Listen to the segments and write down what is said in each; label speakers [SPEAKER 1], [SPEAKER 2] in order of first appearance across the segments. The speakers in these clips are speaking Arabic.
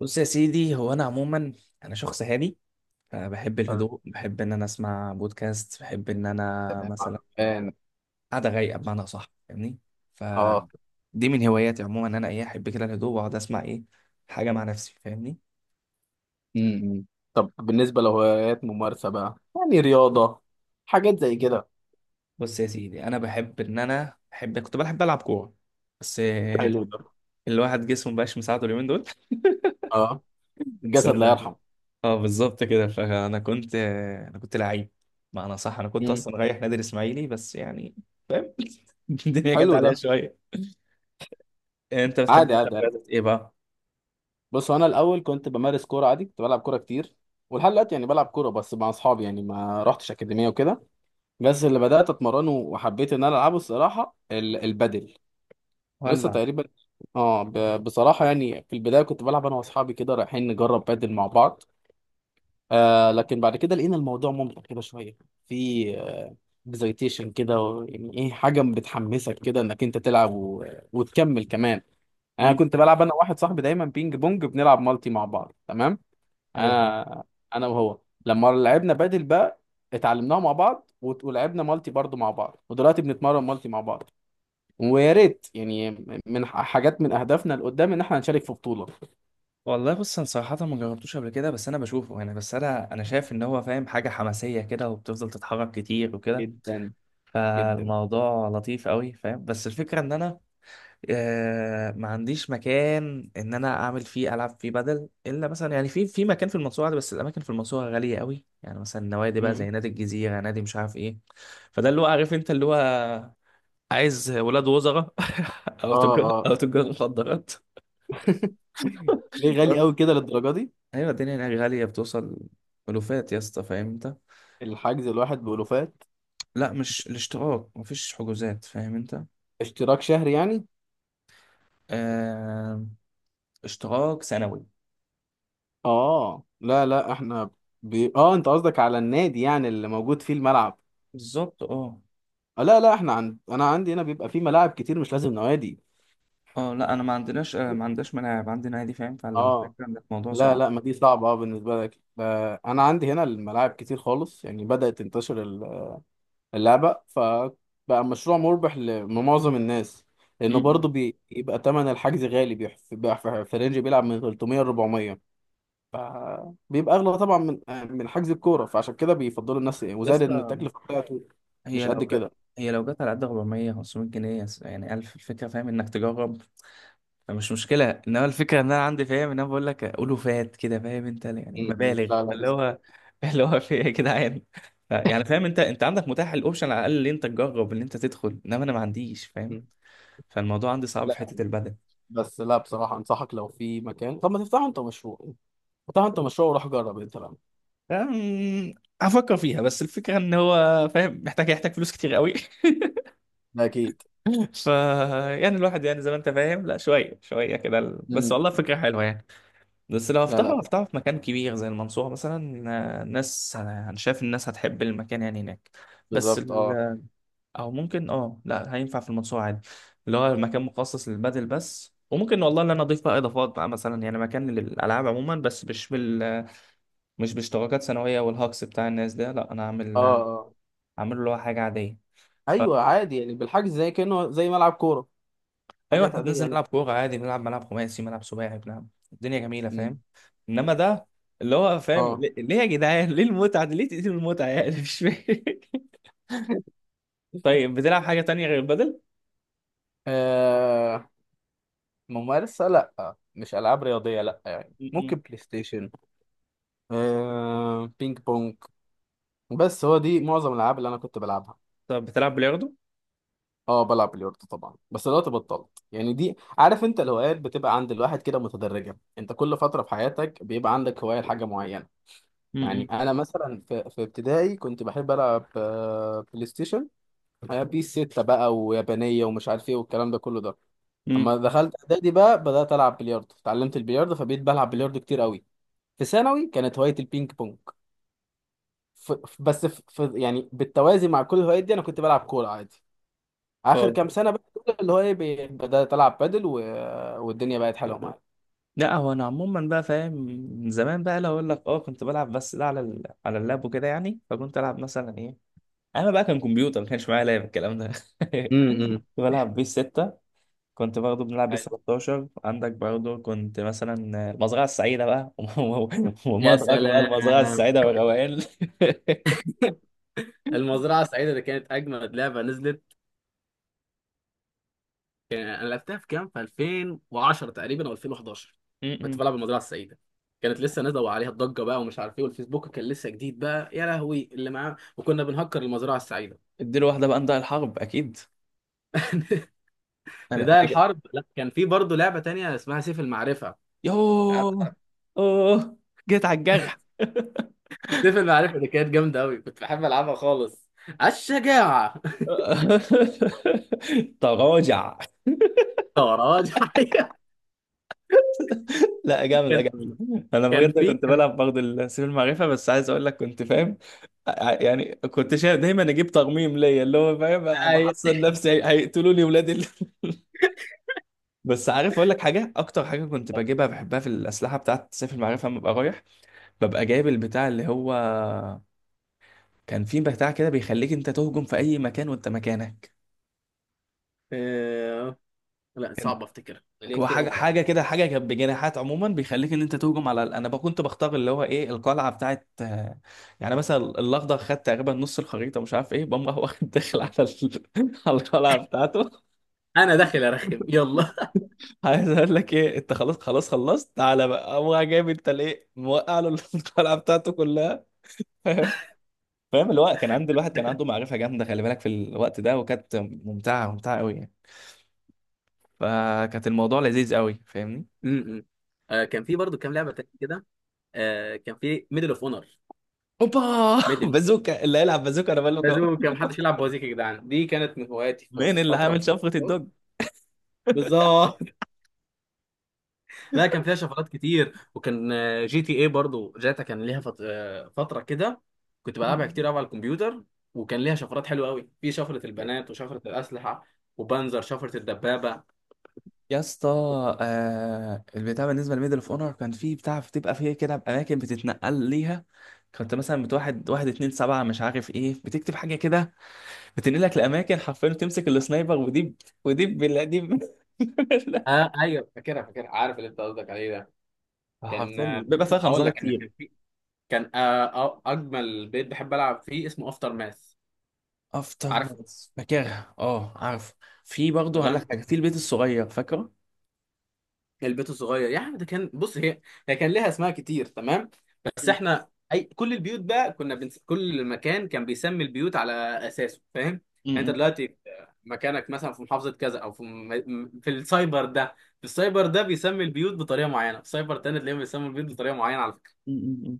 [SPEAKER 1] بص يا سيدي، هو انا عموما انا شخص هادي. بحب
[SPEAKER 2] حلو.
[SPEAKER 1] الهدوء، بحب ان انا اسمع بودكاست، بحب ان انا
[SPEAKER 2] تمام،
[SPEAKER 1] مثلا
[SPEAKER 2] عرفان.
[SPEAKER 1] قاعده رايقه، بمعنى صح، فاهمني؟
[SPEAKER 2] اه.
[SPEAKER 1] فدي من هواياتي عموما، ان انا ايه، احب كده الهدوء واقعد اسمع ايه حاجه مع نفسي، فاهمني؟
[SPEAKER 2] امم طب بالنسبة لهوايات ممارسة بقى، يعني رياضة، حاجات زي كده؟
[SPEAKER 1] بص يا سيدي، انا بحب ان انا كنت بحب العب كوره، بس
[SPEAKER 2] حلو ده.
[SPEAKER 1] الواحد جسمه مبقاش مساعده اليومين دول.
[SPEAKER 2] اه.
[SPEAKER 1] بس
[SPEAKER 2] الجسد
[SPEAKER 1] أنا
[SPEAKER 2] لا
[SPEAKER 1] زهقان.
[SPEAKER 2] يرحم.
[SPEAKER 1] اه بالظبط كده. فانا كنت انا كنت لعيب، معنى صح. انا كنت
[SPEAKER 2] امم.
[SPEAKER 1] اصلا رايح نادي الاسماعيلي، بس يعني فاهم. الدنيا جت
[SPEAKER 2] حلو ده.
[SPEAKER 1] عليا شويه. انت بتحب
[SPEAKER 2] عادي،
[SPEAKER 1] مثلا
[SPEAKER 2] عادي، عادي.
[SPEAKER 1] رياضة ايه بقى؟
[SPEAKER 2] بص، انا الاول كنت بمارس كورة عادي، كنت بلعب كورة كتير. ولحد دلوقتي يعني بلعب كورة، بس مع اصحابي، يعني ما رحتش اكاديمية وكده. بس اللي بدأت اتمرنه وحبيت ان انا العبه، الصراحة البادل. لسه
[SPEAKER 1] ولع.
[SPEAKER 2] تقريبا. اه، بصراحة يعني في البداية كنت بلعب انا واصحابي كده، رايحين نجرب بادل مع بعض. لكن بعد كده لقينا الموضوع ممتع كده شويه. في اكزايتيشن كده، يعني ايه، حاجه بتحمسك كده انك انت تلعب وتكمل كمان. انا
[SPEAKER 1] مم.
[SPEAKER 2] كنت بلعب انا واحد صاحبي دايما بينج بونج، بنلعب مالتي مع بعض، تمام.
[SPEAKER 1] ايوه فاهم.
[SPEAKER 2] انا انا وهو، لما لعبنا بادل بقى، اتعلمناها مع بعض ولعبنا مالتي برضو مع بعض، ودلوقتي بنتمرن مالتي مع بعض. ويا ريت يعني، من حاجات من اهدافنا لقدام ان احنا نشارك في بطوله.
[SPEAKER 1] والله بص، انا صراحة ما جربتوش قبل كده، بس انا بشوفه، يعني بس انا شايف ان هو فاهم حاجة حماسية كده، وبتفضل تتحرك كتير وكده.
[SPEAKER 2] جدا، جدا.
[SPEAKER 1] فالموضوع لطيف قوي، فاهم. بس الفكرة ان انا ما عنديش مكان ان انا اعمل فيه، العب فيه بدل، الا مثلا يعني في مكان في المنصورة عادي، بس الاماكن في المنصورة غالية قوي، يعني مثلا نوادي بقى،
[SPEAKER 2] مم.
[SPEAKER 1] زي نادي الجزيرة، نادي مش عارف ايه. فده اللي هو، عارف انت، اللي هو عايز ولاد وزراء او تجار
[SPEAKER 2] اه.
[SPEAKER 1] او تجار مخدرات.
[SPEAKER 2] ليه غالي قوي كده للدرجه دي؟
[SPEAKER 1] ايوه الدنيا هناك غاليه، بتوصل الوفات يا اسطى، فاهم انت.
[SPEAKER 2] الحجز الواحد بألوفات؟
[SPEAKER 1] لا مش الاشتراك، مفيش حجوزات، فاهم انت.
[SPEAKER 2] اشتراك شهري يعني؟
[SPEAKER 1] آه... اشتراك سنوي.
[SPEAKER 2] اه، لا لا احنا، اه انت قصدك على النادي، يعني اللي موجود فيه الملعب؟
[SPEAKER 1] بالظبط اه.
[SPEAKER 2] لا لا احنا، انا عندي هنا بيبقى فيه ملاعب كتير، مش لازم نوادي.
[SPEAKER 1] اه لا، انا ما عندناش، ملاعب، عندنا نادي، فاهم.
[SPEAKER 2] اه،
[SPEAKER 1] فالفكره ان الموضوع
[SPEAKER 2] لا
[SPEAKER 1] صعب.
[SPEAKER 2] لا، ما دي صعبة، اه بالنسبة لك. انا عندي هنا الملاعب كتير خالص، يعني بدأت تنتشر اللعبة، فبقى مشروع مربح لمعظم الناس. لانه
[SPEAKER 1] م-م.
[SPEAKER 2] برضه بيبقى تمن الحجز غالي، في رينج بيلعب من 300 ل 400. فبيبقى اغلى طبعا من حجز الكوره. فعشان كده بيفضلوا الناس، ايه،
[SPEAKER 1] يا
[SPEAKER 2] وزائد ان
[SPEAKER 1] اسطى،
[SPEAKER 2] التكلفه بتاعته مش
[SPEAKER 1] هي
[SPEAKER 2] قد
[SPEAKER 1] لو جت
[SPEAKER 2] كده.
[SPEAKER 1] هي لو جت على قد 400 500 جنيه، يعني 1000، الفكره، فاهم انك تجرب، مش مشكلة. انما الفكرة ان انا عندي، فاهم، ان انا بقول لك اقوله فات كده، فاهم انت، يعني
[SPEAKER 2] م- م.
[SPEAKER 1] مبالغ
[SPEAKER 2] لا لا،
[SPEAKER 1] اللي
[SPEAKER 2] بس.
[SPEAKER 1] هو اللي هو في ايه يا جدعان. يعني فاهم انت عندك متاح الاوبشن على الاقل ان انت تجرب ان انت تدخل، انما انا ما عنديش، فاهم.
[SPEAKER 2] مم.
[SPEAKER 1] فالموضوع عندي صعب في
[SPEAKER 2] لا،
[SPEAKER 1] حتة البدن.
[SPEAKER 2] بس لا بصراحه، انصحك لو في مكان، طب ما تفتحوا انت مشروع. افتحوا انت مشروع وروح جرب انت بقى.
[SPEAKER 1] أم، هفكر فيها، بس الفكرة ان هو، فاهم، محتاج يحتاج فلوس كتير قوي.
[SPEAKER 2] ده اكيد.
[SPEAKER 1] ف يعني الواحد يعني، زي ما انت فاهم، لا، شوية شوية كده بس.
[SPEAKER 2] م.
[SPEAKER 1] والله فكرة حلوة يعني. بس لو
[SPEAKER 2] لا
[SPEAKER 1] هفتحه،
[SPEAKER 2] لا،
[SPEAKER 1] في مكان كبير زي المنصورة مثلا. ناس، أنا شايف الناس هتحب المكان يعني هناك. بس
[SPEAKER 2] بالظبط. اه،
[SPEAKER 1] ال... أو ممكن، لا، هينفع في المنصورة عادي، اللي هو المكان مخصص للبادل بس. وممكن والله، اللي أنا أضيف بقى إضافات بقى، مثلا يعني مكان للألعاب عموما، بس مش باشتراكات سنوية والهاكس بتاع الناس ده. لا، أنا
[SPEAKER 2] اه،
[SPEAKER 1] أعمل،
[SPEAKER 2] اه.
[SPEAKER 1] له اللي هو حاجة عادية. ف
[SPEAKER 2] ايوه عادي يعني، بالحجز زي كانه زي ملعب كوره،
[SPEAKER 1] ايوه
[SPEAKER 2] حاجات
[SPEAKER 1] احنا
[SPEAKER 2] عاديه
[SPEAKER 1] بننزل
[SPEAKER 2] يعني.
[SPEAKER 1] نلعب كوره عادي، بنلعب ملعب خماسي، ملعب سباعي، بنلعب، الدنيا جميله،
[SPEAKER 2] م.
[SPEAKER 1] فاهم. انما ده اللي هو، فاهم،
[SPEAKER 2] اه.
[SPEAKER 1] ليه ليه يا جدعان، ليه المتعه دي، ليه تقتلوا المتعه، يعني مش فاهم. طيب، بتلعب حاجه تانية غير البدل؟
[SPEAKER 2] آه، ممارسة، لا مش ألعاب رياضية، لا يعني
[SPEAKER 1] م-م.
[SPEAKER 2] ممكن بلاي ستيشن، بينج بونج. بس هو دي معظم الالعاب اللي انا كنت بلعبها.
[SPEAKER 1] طب بتلعب بلياردو؟
[SPEAKER 2] اه، بلعب بلياردو طبعا بس دلوقتي بطلت. يعني دي عارف انت، الهوايات بتبقى عند الواحد كده متدرجه، انت كل فتره في حياتك بيبقى عندك هوايه لحاجه معينه. يعني
[SPEAKER 1] م-م.
[SPEAKER 2] انا مثلا في ابتدائي كنت بحب العب بلاي ستيشن، بيس 6 بقى، ويابانيه ومش عارف ايه والكلام ده كله ده.
[SPEAKER 1] م.
[SPEAKER 2] اما دخلت اعدادي بقى بدات العب بلياردو، اتعلمت البلياردو فبقيت بلعب بلياردو كتير قوي. في ثانوي كانت هوايه البينج بونج. بس يعني بالتوازي مع كل الهوايات دي انا كنت بلعب كوره عادي. اخر
[SPEAKER 1] اه
[SPEAKER 2] كام سنه بقى دول، اللي هو ايه، بدات العب بادل والدنيا بقت حلوه معايا.
[SPEAKER 1] لا، هو انا عموما بقى، فاهم، من زمان بقى، لو اقول لك، اه كنت بلعب، بس ده على على اللاب وكده يعني، فكنت العب مثلا ايه. انا بقى كان كمبيوتر، ما كانش معايا لاب الكلام ده.
[SPEAKER 2] امم.
[SPEAKER 1] كنت بلعب بيس 6، كنت برضه بنلعب بيس 13 عندك برضه، كنت مثلا المزرعة السعيدة بقى. وما
[SPEAKER 2] يا
[SPEAKER 1] أدراك بقى المزرعة
[SPEAKER 2] سلام!
[SPEAKER 1] السعيدة والروائل.
[SPEAKER 2] المزرعه السعيده دي كانت اجمد لعبه نزلت. انا لعبتها في كام، في 2010 تقريبا او 2011. كنت
[SPEAKER 1] م-م.
[SPEAKER 2] بلعب المزرعه السعيده، كانت لسه نازله وعليها الضجه بقى، ومش عارف ايه، والفيسبوك كان لسه جديد بقى يا لهوي اللي معاه، وكنا بنهكر المزرعه السعيده.
[SPEAKER 1] اديله واحدة بقى، نضاع الحرب أكيد. أنا
[SPEAKER 2] نداء
[SPEAKER 1] أنا جا...
[SPEAKER 2] الحرب، لا كان في برضه لعبه تانية اسمها سيف المعرفه. مش عارف.
[SPEAKER 1] يوه. أوه، جيت على الجرح.
[SPEAKER 2] سيف المعرفة اللي كانت جامدة أوي، كنت بحب ألعبها خالص. على الشجاعة.
[SPEAKER 1] تراجع.
[SPEAKER 2] طراج.
[SPEAKER 1] لا جامدة
[SPEAKER 2] كان
[SPEAKER 1] جامدة. أنا
[SPEAKER 2] كان
[SPEAKER 1] بجد
[SPEAKER 2] في
[SPEAKER 1] كنت
[SPEAKER 2] كان
[SPEAKER 1] بلعب برضه السيف المعرفة، بس عايز أقول لك كنت، فاهم، يعني كنت شايف دايما أجيب ترميم ليا، اللي هو فاهم،
[SPEAKER 2] أيوة.
[SPEAKER 1] بحصن نفسي هيقتلوني ولاد بس عارف أقول لك حاجة، أكتر حاجة كنت بجيبها بحبها في الأسلحة بتاعت سيف المعرفة، لما ببقى رايح ببقى جايب البتاع اللي هو، كان في بتاع كده بيخليك أنت تهجم في أي مكان وأنت مكانك.
[SPEAKER 2] آه، لا، صعب أفتكر، ليا
[SPEAKER 1] هو
[SPEAKER 2] كتير أوي
[SPEAKER 1] حاجه
[SPEAKER 2] ما لعبت.
[SPEAKER 1] حاجه كده، حاجه كانت بجناحات عموما، بيخليك ان انت تهجم على انا بقى كنت بختار اللي هو ايه، القلعه بتاعت، يعني مثلا الاخضر، خد تقريبا نص الخريطه مش عارف ايه، بقوم راح واخد داخل على على القلعه بتاعته.
[SPEAKER 2] أنا داخل أرخم، يلا.
[SPEAKER 1] عايز اقول لك ايه، انت خلاص، خلاص خلصت، تعالى بقى قوم راح، جايب انت ليه موقع له القلعه بتاعته كلها. فاهم، فاهم. الوقت كان عند الواحد، كان عنده معرفه جامده، خلي بالك في الوقت ده، وكانت ممتعه ممتعه قوي يعني. فكانت الموضوع لذيذ قوي، فاهمني.
[SPEAKER 2] م-م. كان في برضو كام لعبة تانية كده. كان في ميدل أوف أونر.
[SPEAKER 1] اوبا.
[SPEAKER 2] ميدل
[SPEAKER 1] بازوكا، اللي هيلعب بازوكا انا بقول لك.
[SPEAKER 2] لازم كان محدش يلعب بوازيك يا جدعان، دي كانت من هواياتي في
[SPEAKER 1] مين اللي
[SPEAKER 2] فترة من
[SPEAKER 1] عامل شفرة
[SPEAKER 2] الفترات.
[SPEAKER 1] الدوج؟
[SPEAKER 2] بالظبط. لا، كان فيها شفرات كتير، وكان جي تي اي برضو، جاتا كان ليها فترة كده. كنت بلعبها كتير قوي على الكمبيوتر، وكان ليها شفرات حلوة قوي، في شفرة البنات وشفرة الأسلحة وبنزر شفرة الدبابة.
[SPEAKER 1] يا اسطى. البتاع بالنسبه لميدل اوف اونر، كان فيه بتاع بتبقى فيه كده باماكن بتتنقل ليها. كنت مثلا بتواحد، واحد اتنين سبعة مش عارف ايه، بتكتب حاجة كده، بتنقلك لأماكن حرفيا، وتمسك السنايبر، ودي بالله، دي
[SPEAKER 2] اه ايوه، فاكرها فاكرها، عارف اللي انت قصدك عليه ده. كان
[SPEAKER 1] حرفيا
[SPEAKER 2] آه،
[SPEAKER 1] بيبقى فيها
[SPEAKER 2] لا، اقول
[SPEAKER 1] خنزرة
[SPEAKER 2] لك، انا
[SPEAKER 1] كتير.
[SPEAKER 2] كان في، كان اجمل بيت بحب العب فيه اسمه افتر ماث.
[SPEAKER 1] افتر
[SPEAKER 2] عارفه.
[SPEAKER 1] ناس، فاكرها اه، عارف. في برضه هقول
[SPEAKER 2] تمام.
[SPEAKER 1] لك حاجة، في البيت الصغير فاكره؟
[SPEAKER 2] البيت الصغير يا عم ده كان، بص هي هي كان ليها اسماء كتير، تمام. بس
[SPEAKER 1] م-
[SPEAKER 2] احنا، كل البيوت بقى كنا كل مكان كان بيسمي البيوت على اساسه، فاهم. يعني انت
[SPEAKER 1] م-
[SPEAKER 2] دلوقتي في مكانك مثلا، في محافظه كذا، او في في السايبر ده، بيسمي البيوت بطريقه معينه، في سايبر تاني تلاقيهم بيسموا البيوت بطريقه معينه، على فكره.
[SPEAKER 1] م- م- م.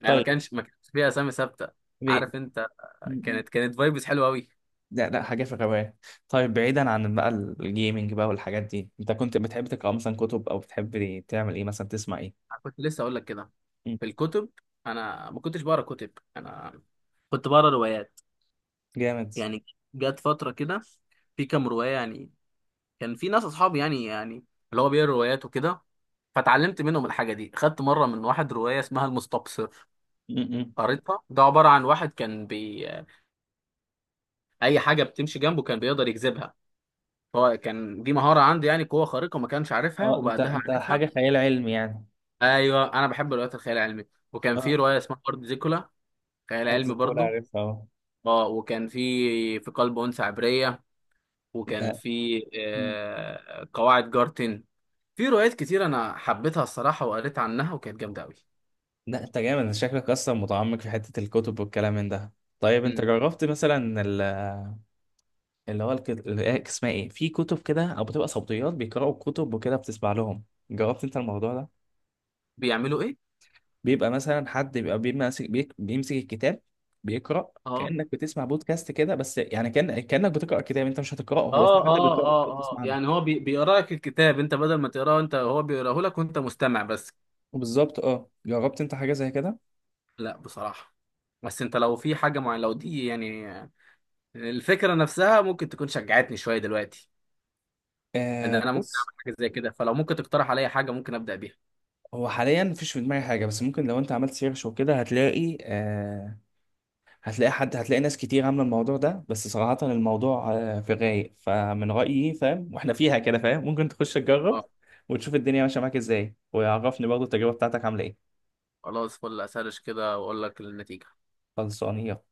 [SPEAKER 2] يعني ما
[SPEAKER 1] طيب،
[SPEAKER 2] كانش ما كانش فيها اسامي ثابته،
[SPEAKER 1] بي-
[SPEAKER 2] عارف انت.
[SPEAKER 1] م- م.
[SPEAKER 2] كانت فايبس حلوه قوي.
[SPEAKER 1] لا لا، حاجة في الرواية. طيب، بعيدا عن بقى الجيمنج بقى والحاجات دي، انت كنت بتحب تقرأ مثلا كتب، او بتحب تعمل ايه، مثلا تسمع ايه؟
[SPEAKER 2] كنت لسه اقول لك كده،
[SPEAKER 1] مم.
[SPEAKER 2] في الكتب. انا ما كنتش بقرا كتب، انا كنت بقرا روايات،
[SPEAKER 1] جامد.
[SPEAKER 2] يعني. جت فترة كده، في كام رواية يعني، كان في ناس أصحابي يعني اللي هو بيقرا روايات وكده، فتعلمت منهم الحاجة دي. خدت مرة من واحد رواية اسمها المستبصر،
[SPEAKER 1] مم، مم.
[SPEAKER 2] قريتها، ده عبارة عن واحد كان، أي حاجة بتمشي جنبه كان بيقدر يجذبها. هو كان دي مهارة عنده، يعني قوة خارقة ما كانش عارفها
[SPEAKER 1] اه، انت
[SPEAKER 2] وبعدها
[SPEAKER 1] انت
[SPEAKER 2] عارفها.
[SPEAKER 1] حاجة خيال علمي يعني.
[SPEAKER 2] أيوه، أنا بحب روايات الخيال العلمي. وكان
[SPEAKER 1] اه،
[SPEAKER 2] في رواية اسمها أرض زيكولا، خيال
[SPEAKER 1] أرض
[SPEAKER 2] علمي
[SPEAKER 1] كول
[SPEAKER 2] برضه.
[SPEAKER 1] عارفها اه.
[SPEAKER 2] اه، وكان في في قلب أنثى عبرية، وكان
[SPEAKER 1] لا.
[SPEAKER 2] في
[SPEAKER 1] مم.
[SPEAKER 2] قواعد جارتن. في روايات كتير انا حبيتها الصراحه، وقريت عنها وكانت جامده قوي.
[SPEAKER 1] لا انت جامد، انت شكلك اصلا متعمق في حتة الكتب والكلام من ده. طيب، انت
[SPEAKER 2] مم.
[SPEAKER 1] جربت مثلا اللي هو، اسمها ايه، في كتب كده او بتبقى صوتيات بيقرأوا كتب وكده بتسمع لهم؟ جربت انت الموضوع ده؟
[SPEAKER 2] بيعملوا ايه؟
[SPEAKER 1] بيبقى مثلا حد بيبقى بيمسك، بيمسك الكتاب، بيقرأ،
[SPEAKER 2] اه،
[SPEAKER 1] كأنك بتسمع بودكاست كده، بس يعني كأنك بتقرأ كتاب، انت مش هتقرأه، هو في
[SPEAKER 2] اه،
[SPEAKER 1] حد
[SPEAKER 2] اه.
[SPEAKER 1] بيقرأه انت
[SPEAKER 2] اه اه،
[SPEAKER 1] بتسمع له.
[SPEAKER 2] يعني هو بيقرا لك الكتاب، انت بدل ما تقراه انت، هو بيقراه لك وانت مستمع بس.
[SPEAKER 1] بالظبط اه، جربت انت حاجة زي كده؟
[SPEAKER 2] لا بصراحه. بس انت لو في حاجه معينه، لو دي يعني، الفكره نفسها ممكن تكون شجعتني شويه دلوقتي، ان انا ممكن
[SPEAKER 1] بص،
[SPEAKER 2] اعمل حاجه زي كده، فلو ممكن تقترح عليا حاجه ممكن ابدا بيها.
[SPEAKER 1] هو حاليا مفيش في دماغي حاجة، بس ممكن لو انت عملت سيرش وكده هتلاقي، هتلاقي حد، هتلاقي ناس كتير عاملة الموضوع ده. بس صراحة الموضوع في غاية، فمن رأيي، فاهم، واحنا فيها كده، فاهم، ممكن تخش تجرب
[SPEAKER 2] اه،
[SPEAKER 1] وتشوف الدنيا ماشية معاك ازاي، ويعرفني برضه التجربة بتاعتك عاملة ايه.
[SPEAKER 2] خلاص فل اسرش كده واقول لك النتيجه.
[SPEAKER 1] خلصانية.